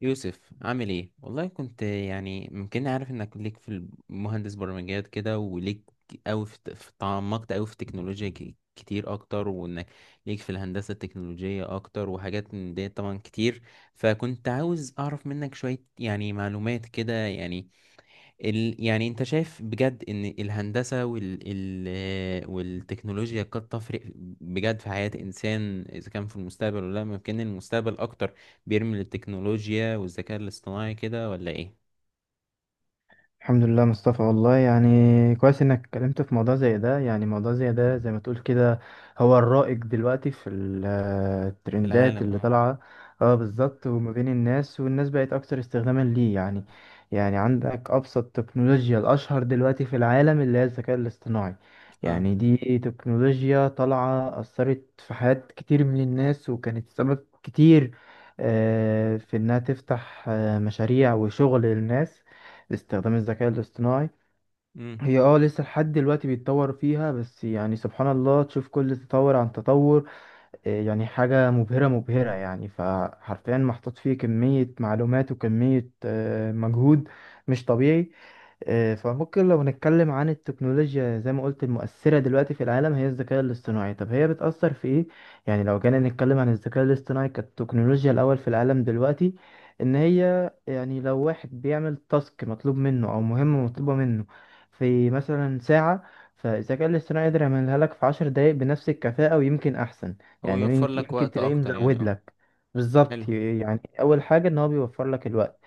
يوسف، عامل ايه؟ والله كنت يعني ممكن، عارف انك ليك في المهندس برمجيات كده، وليك قوي تعمقت قوي في التكنولوجيا كتير اكتر، وانك ليك في الهندسة التكنولوجية اكتر، وحاجات من دي طبعا كتير. فكنت عاوز اعرف منك شوية يعني معلومات كده. يعني يعني انت شايف بجد ان الهندسة والتكنولوجيا قد تفرق بجد في حياة انسان، اذا كان في المستقبل ولا لا؟ ممكن المستقبل اكتر بيرمي للتكنولوجيا والذكاء الاصطناعي كده، ولا ايه؟ الحمد لله مصطفى. والله يعني كويس انك اتكلمت في موضوع زي ده، يعني موضوع زي ده زي ما تقول كده. هو الرائج دلوقتي في في الترندات العالم. اللي اه. طالعة. اه، بالظبط. وما بين الناس والناس بقت اكتر استخداما ليه يعني. يعني عندك ابسط تكنولوجيا الاشهر دلوقتي في العالم اللي هي الذكاء الاصطناعي. اه. يعني دي تكنولوجيا طالعة اثرت في حياة كتير من الناس، وكانت سبب كتير في انها تفتح مشاريع وشغل للناس. استخدام الذكاء الاصطناعي امم. هي لسه لحد دلوقتي بيتطور فيها، بس يعني سبحان الله تشوف كل تطور عن تطور. يعني حاجة مبهرة مبهرة، يعني فحرفيا محطوط فيه كمية معلومات وكمية مجهود مش طبيعي. فممكن لو نتكلم عن التكنولوجيا زي ما قلت المؤثرة دلوقتي في العالم هي الذكاء الاصطناعي. طب هي بتأثر في ايه؟ يعني لو جينا نتكلم عن الذكاء الاصطناعي كالتكنولوجيا الأول في العالم دلوقتي، إن هي يعني لو واحد بيعمل تاسك مطلوب منه أو مهمة مطلوبة منه في مثلا ساعة، فالذكاء الاصطناعي يقدر يعملها لك في 10 دقايق بنفس الكفاءة ويمكن أحسن. هو يعني يوفر لك يمكن وقت تلاقيه اكتر يعني، مزود اه. لك. حلو. بالظبط، يعني اول حاجه ان هو بيوفر لك الوقت.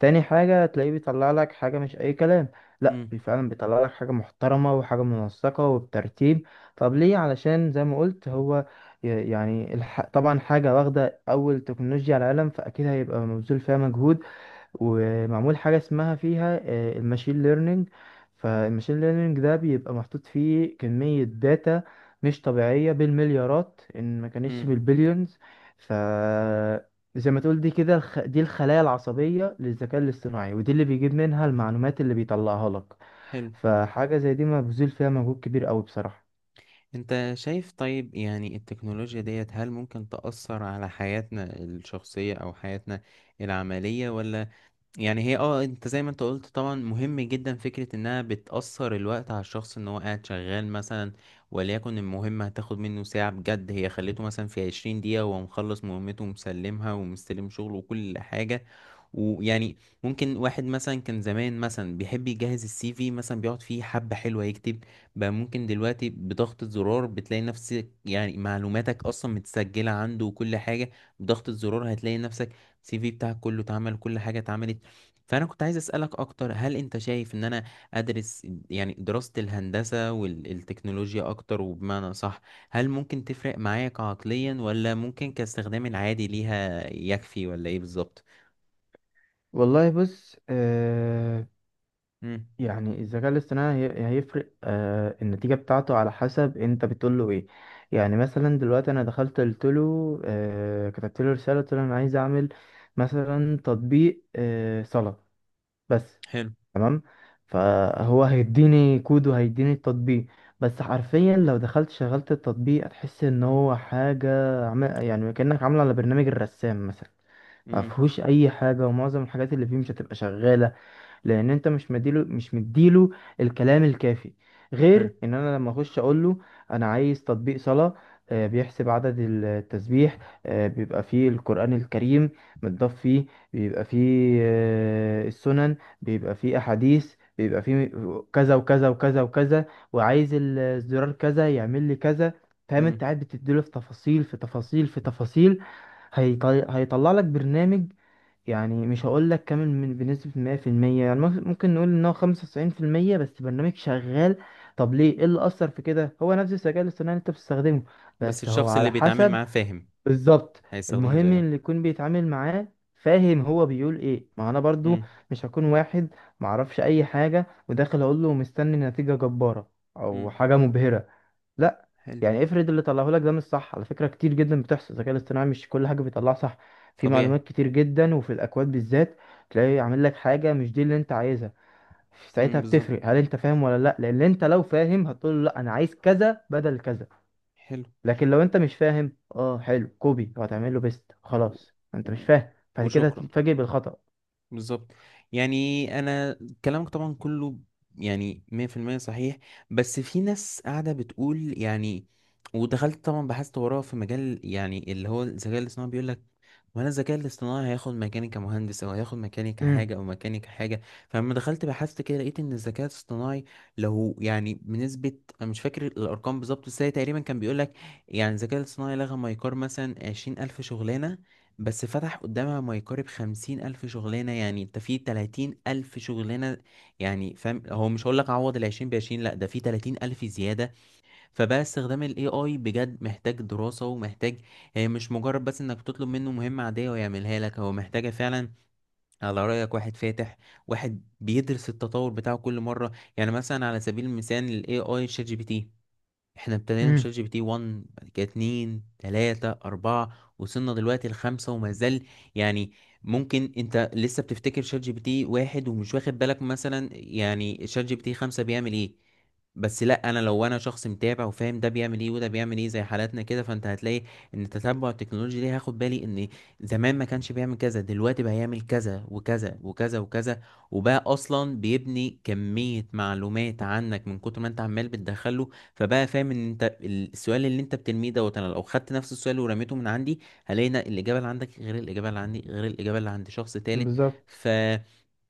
تاني حاجه تلاقيه بيطلع لك حاجه مش اي كلام. لا، امم. فعلا بيطلع لك حاجه محترمه وحاجه منسقه وبترتيب. طب ليه؟ علشان زي ما قلت هو يعني طبعا حاجه واخده اول تكنولوجيا على العالم، فاكيد هيبقى مبذول فيها مجهود ومعمول حاجة اسمها فيها الماشين ليرنينج. فالماشين ليرنينج ده بيبقى محطوط فيه كمية داتا مش طبيعية بالمليارات إن ما كانتش امم. بالبليونز. ف زي ما تقول دي كده دي الخلايا العصبية للذكاء الاصطناعي، ودي اللي بيجيب منها المعلومات اللي بيطلعها لك. حلو. فحاجة زي دي مبذول فيها مجهود كبير قوي بصراحة. انت شايف طيب، يعني التكنولوجيا ديت هل ممكن تأثر على حياتنا الشخصية او حياتنا العملية ولا؟ يعني هي، اه، انت زي ما انت قلت طبعا، مهم جدا فكرة انها بتأثر الوقت على الشخص، ان هو قاعد شغال مثلا، وليكن المهمة هتاخد منه ساعة بجد، هي خليته مثلا في 20 دقيقة وهو مخلص مهمته ومسلمها ومستلم شغله وكل حاجة. ويعني ممكن واحد مثلا كان زمان مثلا بيحب يجهز السي في، مثلا بيقعد فيه حبة حلوة يكتب، بقى ممكن دلوقتي بضغطة زرار بتلاقي نفسك، يعني معلوماتك أصلا متسجلة عنده وكل حاجة، بضغطة زرار هتلاقي نفسك السي في بتاعك كله اتعمل، كل حاجة اتعملت. فأنا كنت عايز أسألك أكتر، هل أنت شايف إن أنا أدرس يعني دراسة الهندسة والتكنولوجيا أكتر وبمعنى صح هل ممكن تفرق معايا كعقليا، ولا ممكن كاستخدام العادي ليها يكفي، ولا إيه بالظبط؟ والله بص. مم. يعني الذكاء الاصطناعي هيفرق النتيجة بتاعته على حسب انت بتقول له ايه. يعني مثلا دلوقتي انا دخلت قلت له كتبت له رسالة قلت له انا عايز اعمل مثلا تطبيق صلاة بس. حلو. تمام. فهو هيديني كود وهيديني التطبيق. بس حرفيا لو دخلت شغلت التطبيق هتحس ان هو حاجة يعني كأنك عامله على برنامج الرسام مثلا. ما مم. فيهوش اي حاجه، ومعظم الحاجات اللي فيه مش هتبقى شغاله لان انت مش مديله، الكلام الكافي. حلو. غير ان انا لما اخش اقول له انا عايز تطبيق صلاة، بيحسب عدد التسبيح، بيبقى فيه القرآن الكريم متضاف فيه، بيبقى فيه السنن، بيبقى فيه احاديث، بيبقى فيه كذا وكذا وكذا وكذا، وعايز الزرار كذا يعمل لي كذا. فاهم؟ انت مم. قاعد بتديله في تفاصيل في تفاصيل في تفاصيل. هيطلع لك برنامج. يعني مش هقول لك كامل من بنسبة 100%، يعني ممكن نقول ان هو 95%، بس برنامج شغال. طب ليه؟ ايه اللي اثر في كده؟ هو نفس الذكاء الاصطناعي اللي انت بتستخدمه، بس بس هو الشخص اللي على بيتعامل حسب. معاه فاهم بالظبط، هيستخدمه المهم زيه. اللي يكون بيتعامل معاه فاهم هو بيقول ايه. ما انا برضو مم. مش هكون واحد معرفش اي حاجة وداخل اقول له مستني نتيجة جبارة او مم. حاجة مبهرة. لا. حلو. يعني افرض اللي طلعه لك ده مش صح، على فكرة كتير جدا بتحصل، الذكاء الاصطناعي مش كل حاجة بيطلعها صح، في طبيعي. معلومات كتير جدا وفي الأكواد بالذات تلاقيه عامل لك حاجة مش دي اللي انت عايزها. ساعتها مم. بالظبط. بتفرق هل انت فاهم ولا لا، لان انت لو فاهم هتقول له لا انا عايز كذا بدل كذا. حلو. لكن لو انت مش فاهم، اه حلو، كوبي وهتعمل له بيست، و... خلاص انت مش و... فاهم بعد كده وشكرا. هتتفاجئ بالخطأ. بالظبط. يعني انا كلامك طبعا كله يعني 100% صحيح. بس في ناس قاعده بتقول يعني، ودخلت طبعا بحثت وراه في مجال، يعني اللي هو الذكاء الاصطناعي بيقول لك، وانا الذكاء الاصطناعي هياخد مكاني كمهندس، او هياخد مكاني كحاجه، امم. او مكاني كحاجه. فلما دخلت بحثت كده لقيت ان الذكاء الاصطناعي لو يعني بنسبه، انا مش فاكر الارقام بالظبط بس هي تقريبا، كان بيقول لك يعني الذكاء الاصطناعي لغى ما يقارب مثلا 20,000 شغلانه، بس فتح قدامها ما يقارب 50,000 شغلانة. يعني انت في 30,000 شغلانة، يعني فاهم، هو مش هقولك عوض العشرين بعشرين، لأ، ده في 30,000 زيادة. فبقى استخدام ال AI بجد محتاج دراسة ومحتاج، هي مش مجرد بس انك تطلب منه مهمة عادية ويعملها لك، هو محتاجة فعلا، على رأيك، واحد فاتح واحد بيدرس التطور بتاعه كل مرة. يعني مثلا على سبيل المثال ال AI شات جي بي تي، احنا ابتدينا مش امم. جي بي تي 1، بعد كده 2، 3، 4، وصلنا دلوقتي لخمسة وما زال. يعني ممكن انت لسه بتفتكر شات جي بي تي واحد، ومش واخد بالك مثلا يعني شات جي بي تي خمسة بيعمل ايه. بس لا، انا لو انا شخص متابع وفاهم ده بيعمل ايه وده بيعمل ايه، زي حالاتنا كده، فانت هتلاقي ان تتبع التكنولوجيا دي هاخد بالي ان زمان ما كانش بيعمل كذا، دلوقتي بقى يعمل كذا وكذا وكذا وكذا، وبقى اصلا بيبني كمية معلومات عنك من كتر ما انت عمال بتدخله. فبقى فاهم ان انت السؤال اللي انت بترميه دوت، انا لو خدت نفس السؤال ورميته من عندي، هلاقي إن الاجابه اللي عندك غير الاجابه اللي عندي غير الاجابه اللي عند شخص تالت. بالظبط. ف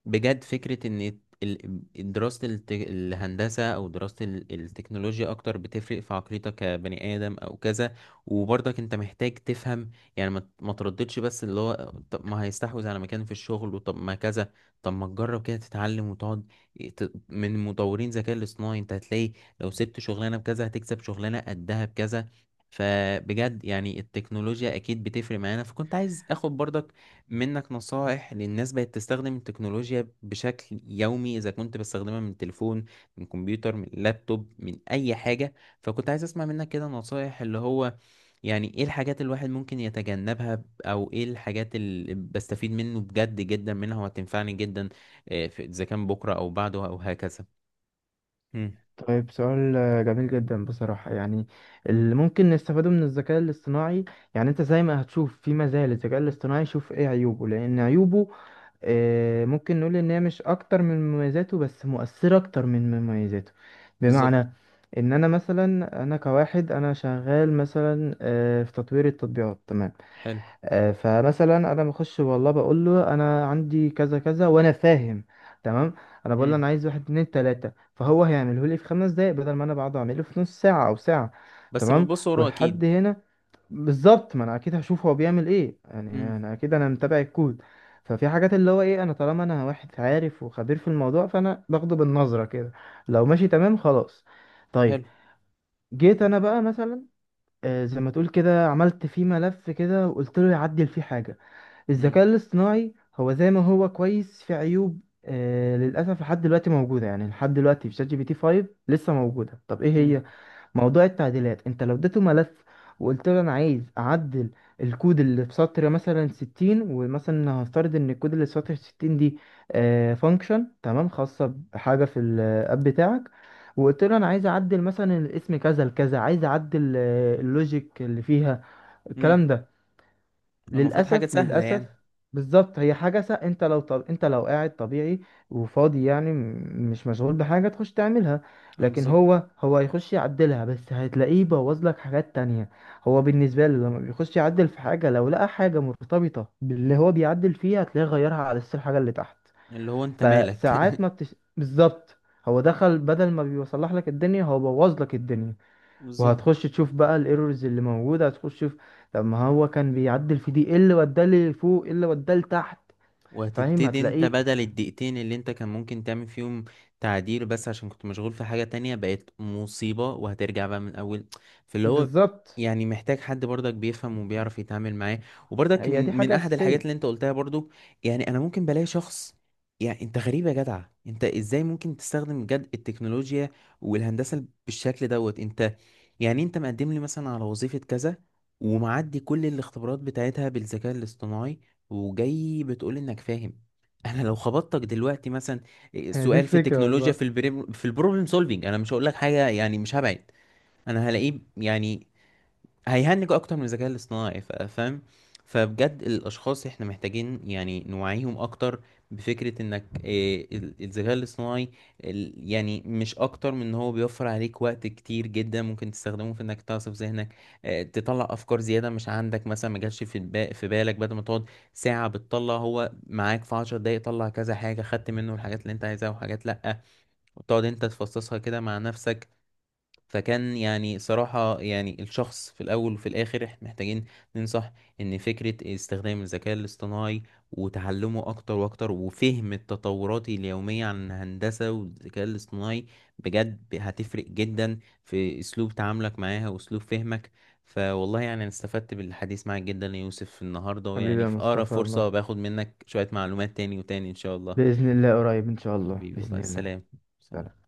بجد فكرة ان دراسة الهندسة، او دراسة التكنولوجيا اكتر، بتفرق في عقليتك كبني ادم او كذا. وبرضك انت محتاج تفهم، يعني ما ترددش، بس اللي هو طب ما هيستحوذ على مكان في الشغل، وطب ما كذا، طب ما تجرب كده تتعلم وتقعد من مطورين ذكاء الاصطناعي. انت هتلاقي لو سبت شغلانة بكذا هتكسب شغلانة قدها بكذا. فبجد يعني التكنولوجيا اكيد بتفرق معانا. فكنت عايز اخد برضك منك نصائح، للناس بقت تستخدم التكنولوجيا بشكل يومي، إذا كنت بستخدمها من التليفون، من الكمبيوتر، من اللابتوب، من أي حاجة. فكنت عايز أسمع منك كده نصائح، اللي هو يعني إيه الحاجات الواحد ممكن يتجنبها، أو إيه الحاجات اللي بستفيد منه بجد جدا منها وهتنفعني جدا. إذا كان بكرة أو بعده أو هكذا. مم. طيب. سؤال جميل جدا بصراحة، يعني اللي ممكن نستفاده من الذكاء الاصطناعي. يعني انت زي ما هتشوف في مزايا للذكاء الاصطناعي شوف ايه عيوبه، لان عيوبه ممكن نقول ان هي مش اكتر من مميزاته بس مؤثرة اكتر من مميزاته. بالظبط. بمعنى ان انا مثلا، انا كواحد انا شغال مثلا في تطوير التطبيقات. تمام. حلو. فمثلا انا بخش والله بقول له انا عندي كذا كذا، وانا فاهم تمام. انا بقول له مم. انا عايز واحد اتنين تلاته فهو هيعمله لي في 5 دقايق بدل ما انا بقعد اعمله في نص ساعه او ساعه. بس تمام. بتبص وراه والحد أكيد. هنا. بالظبط، ما انا اكيد هشوف هو بيعمل ايه يعني. مم. انا اكيد انا متابع الكود. ففي حاجات اللي هو ايه، انا طالما انا واحد عارف وخبير في الموضوع فانا باخده بالنظره كده. لو ماشي تمام خلاص. طيب. حلو. جيت انا بقى مثلا زي ما تقول كده عملت فيه ملف كده وقلت له يعدل فيه حاجه. مم. الذكاء الاصطناعي هو زي ما هو كويس في عيوب للأسف لحد دلوقتي موجودة، يعني لحد دلوقتي في شات جي بي تي 5 لسه موجودة. طب ايه مم. هي؟ موضوع التعديلات. انت لو اديته ملف وقلت له انا عايز اعدل الكود اللي في سطر مثلا 60، ومثلا هفترض ان الكود اللي في سطر 60 دي فانكشن تمام خاصة بحاجة في الاب بتاعك، وقلت له انا عايز اعدل مثلا الاسم كذا لكذا، عايز اعدل اللوجيك اللي فيها، مم. الكلام ده. المفروض حاجة للأسف سهلة للأسف. يعني. بالظبط. هي حاجة انت لو قاعد طبيعي وفاضي، يعني مش مشغول بحاجة تخش تعملها. اه، لكن بالظبط. هو هيخش يعدلها، بس هتلاقيه بوظ لك حاجات تانية. هو بالنسبة له لما بيخش يعدل في حاجة لو لقى حاجة مرتبطة باللي هو بيعدل فيها هتلاقيه غيرها على أساس الحاجة اللي تحت. اللي هو انت مالك. فساعات ما بتش... بالظبط. هو دخل بدل ما بيصلح لك الدنيا هو بوظ لك الدنيا. بالظبط. وهتخش تشوف بقى الايرورز اللي موجوده، هتخش تشوف طب ما هو كان بيعدل في دي، ايه اللي وداه لفوق ايه اللي وداه لتحت؟ فاهم، وهتبتدي انت هتلاقيه. بدل الدقيقتين اللي انت كان ممكن تعمل فيهم تعديل، بس عشان كنت مشغول في حاجة تانية بقت مصيبة، وهترجع بقى من اول. فاللي هو، بالظبط. يعني محتاج حد برضك بيفهم وبيعرف يتعامل معاه. وبرضك هي دي من حاجه احد الحاجات اساسيه. اللي انت قلتها برضو، يعني انا ممكن بلاقي شخص، يعني انت غريب يا جدع، انت ازاي ممكن تستخدم بجد التكنولوجيا والهندسة بالشكل دوت؟ انت يعني انت مقدم لي مثلا على وظيفة كذا، ومعدي كل الاختبارات بتاعتها بالذكاء الاصطناعي، وجاي بتقول انك فاهم. انا لو خبطتك دلوقتي مثلا هي دي سؤال في الفكرة التكنولوجيا، والله. في البريم، في البروبلم سولفينج، انا مش هقول لك حاجه يعني، مش هبعد، انا هلاقيه يعني هيهنجوا اكتر من الذكاء الاصطناعي. فاهم. فبجد الاشخاص احنا محتاجين يعني نوعيهم اكتر بفكرة انك، الذكاء الاصطناعي يعني مش اكتر من ان هو بيوفر عليك وقت كتير جدا، ممكن تستخدمه في انك تعصف ذهنك، تطلع افكار زيادة مش عندك، مثلا ما جالش في بالك. بدل ما تقعد ساعة بتطلع، هو معاك في 10 دقايق طلع كذا حاجة، خدت منه الحاجات اللي انت عايزها وحاجات لأ، وتقعد انت تفصصها كده مع نفسك. فكان يعني صراحة يعني الشخص في الأول وفي الآخر، إحنا محتاجين ننصح إن فكرة استخدام الذكاء الاصطناعي وتعلمه أكتر وأكتر، وفهم التطورات اليومية عن الهندسة والذكاء الاصطناعي، بجد هتفرق جدا في أسلوب تعاملك معاها وأسلوب فهمك. فوالله يعني أنا استفدت بالحديث معك جدا يا يوسف النهاردة، حبيبي ويعني يا في أقرب مصطفى. فرصة الله باخد منك شوية معلومات تاني وتاني إن شاء الله. باذن الله قريب ان شاء الله، حبيبي باذن والله، الله. سلام. سلام.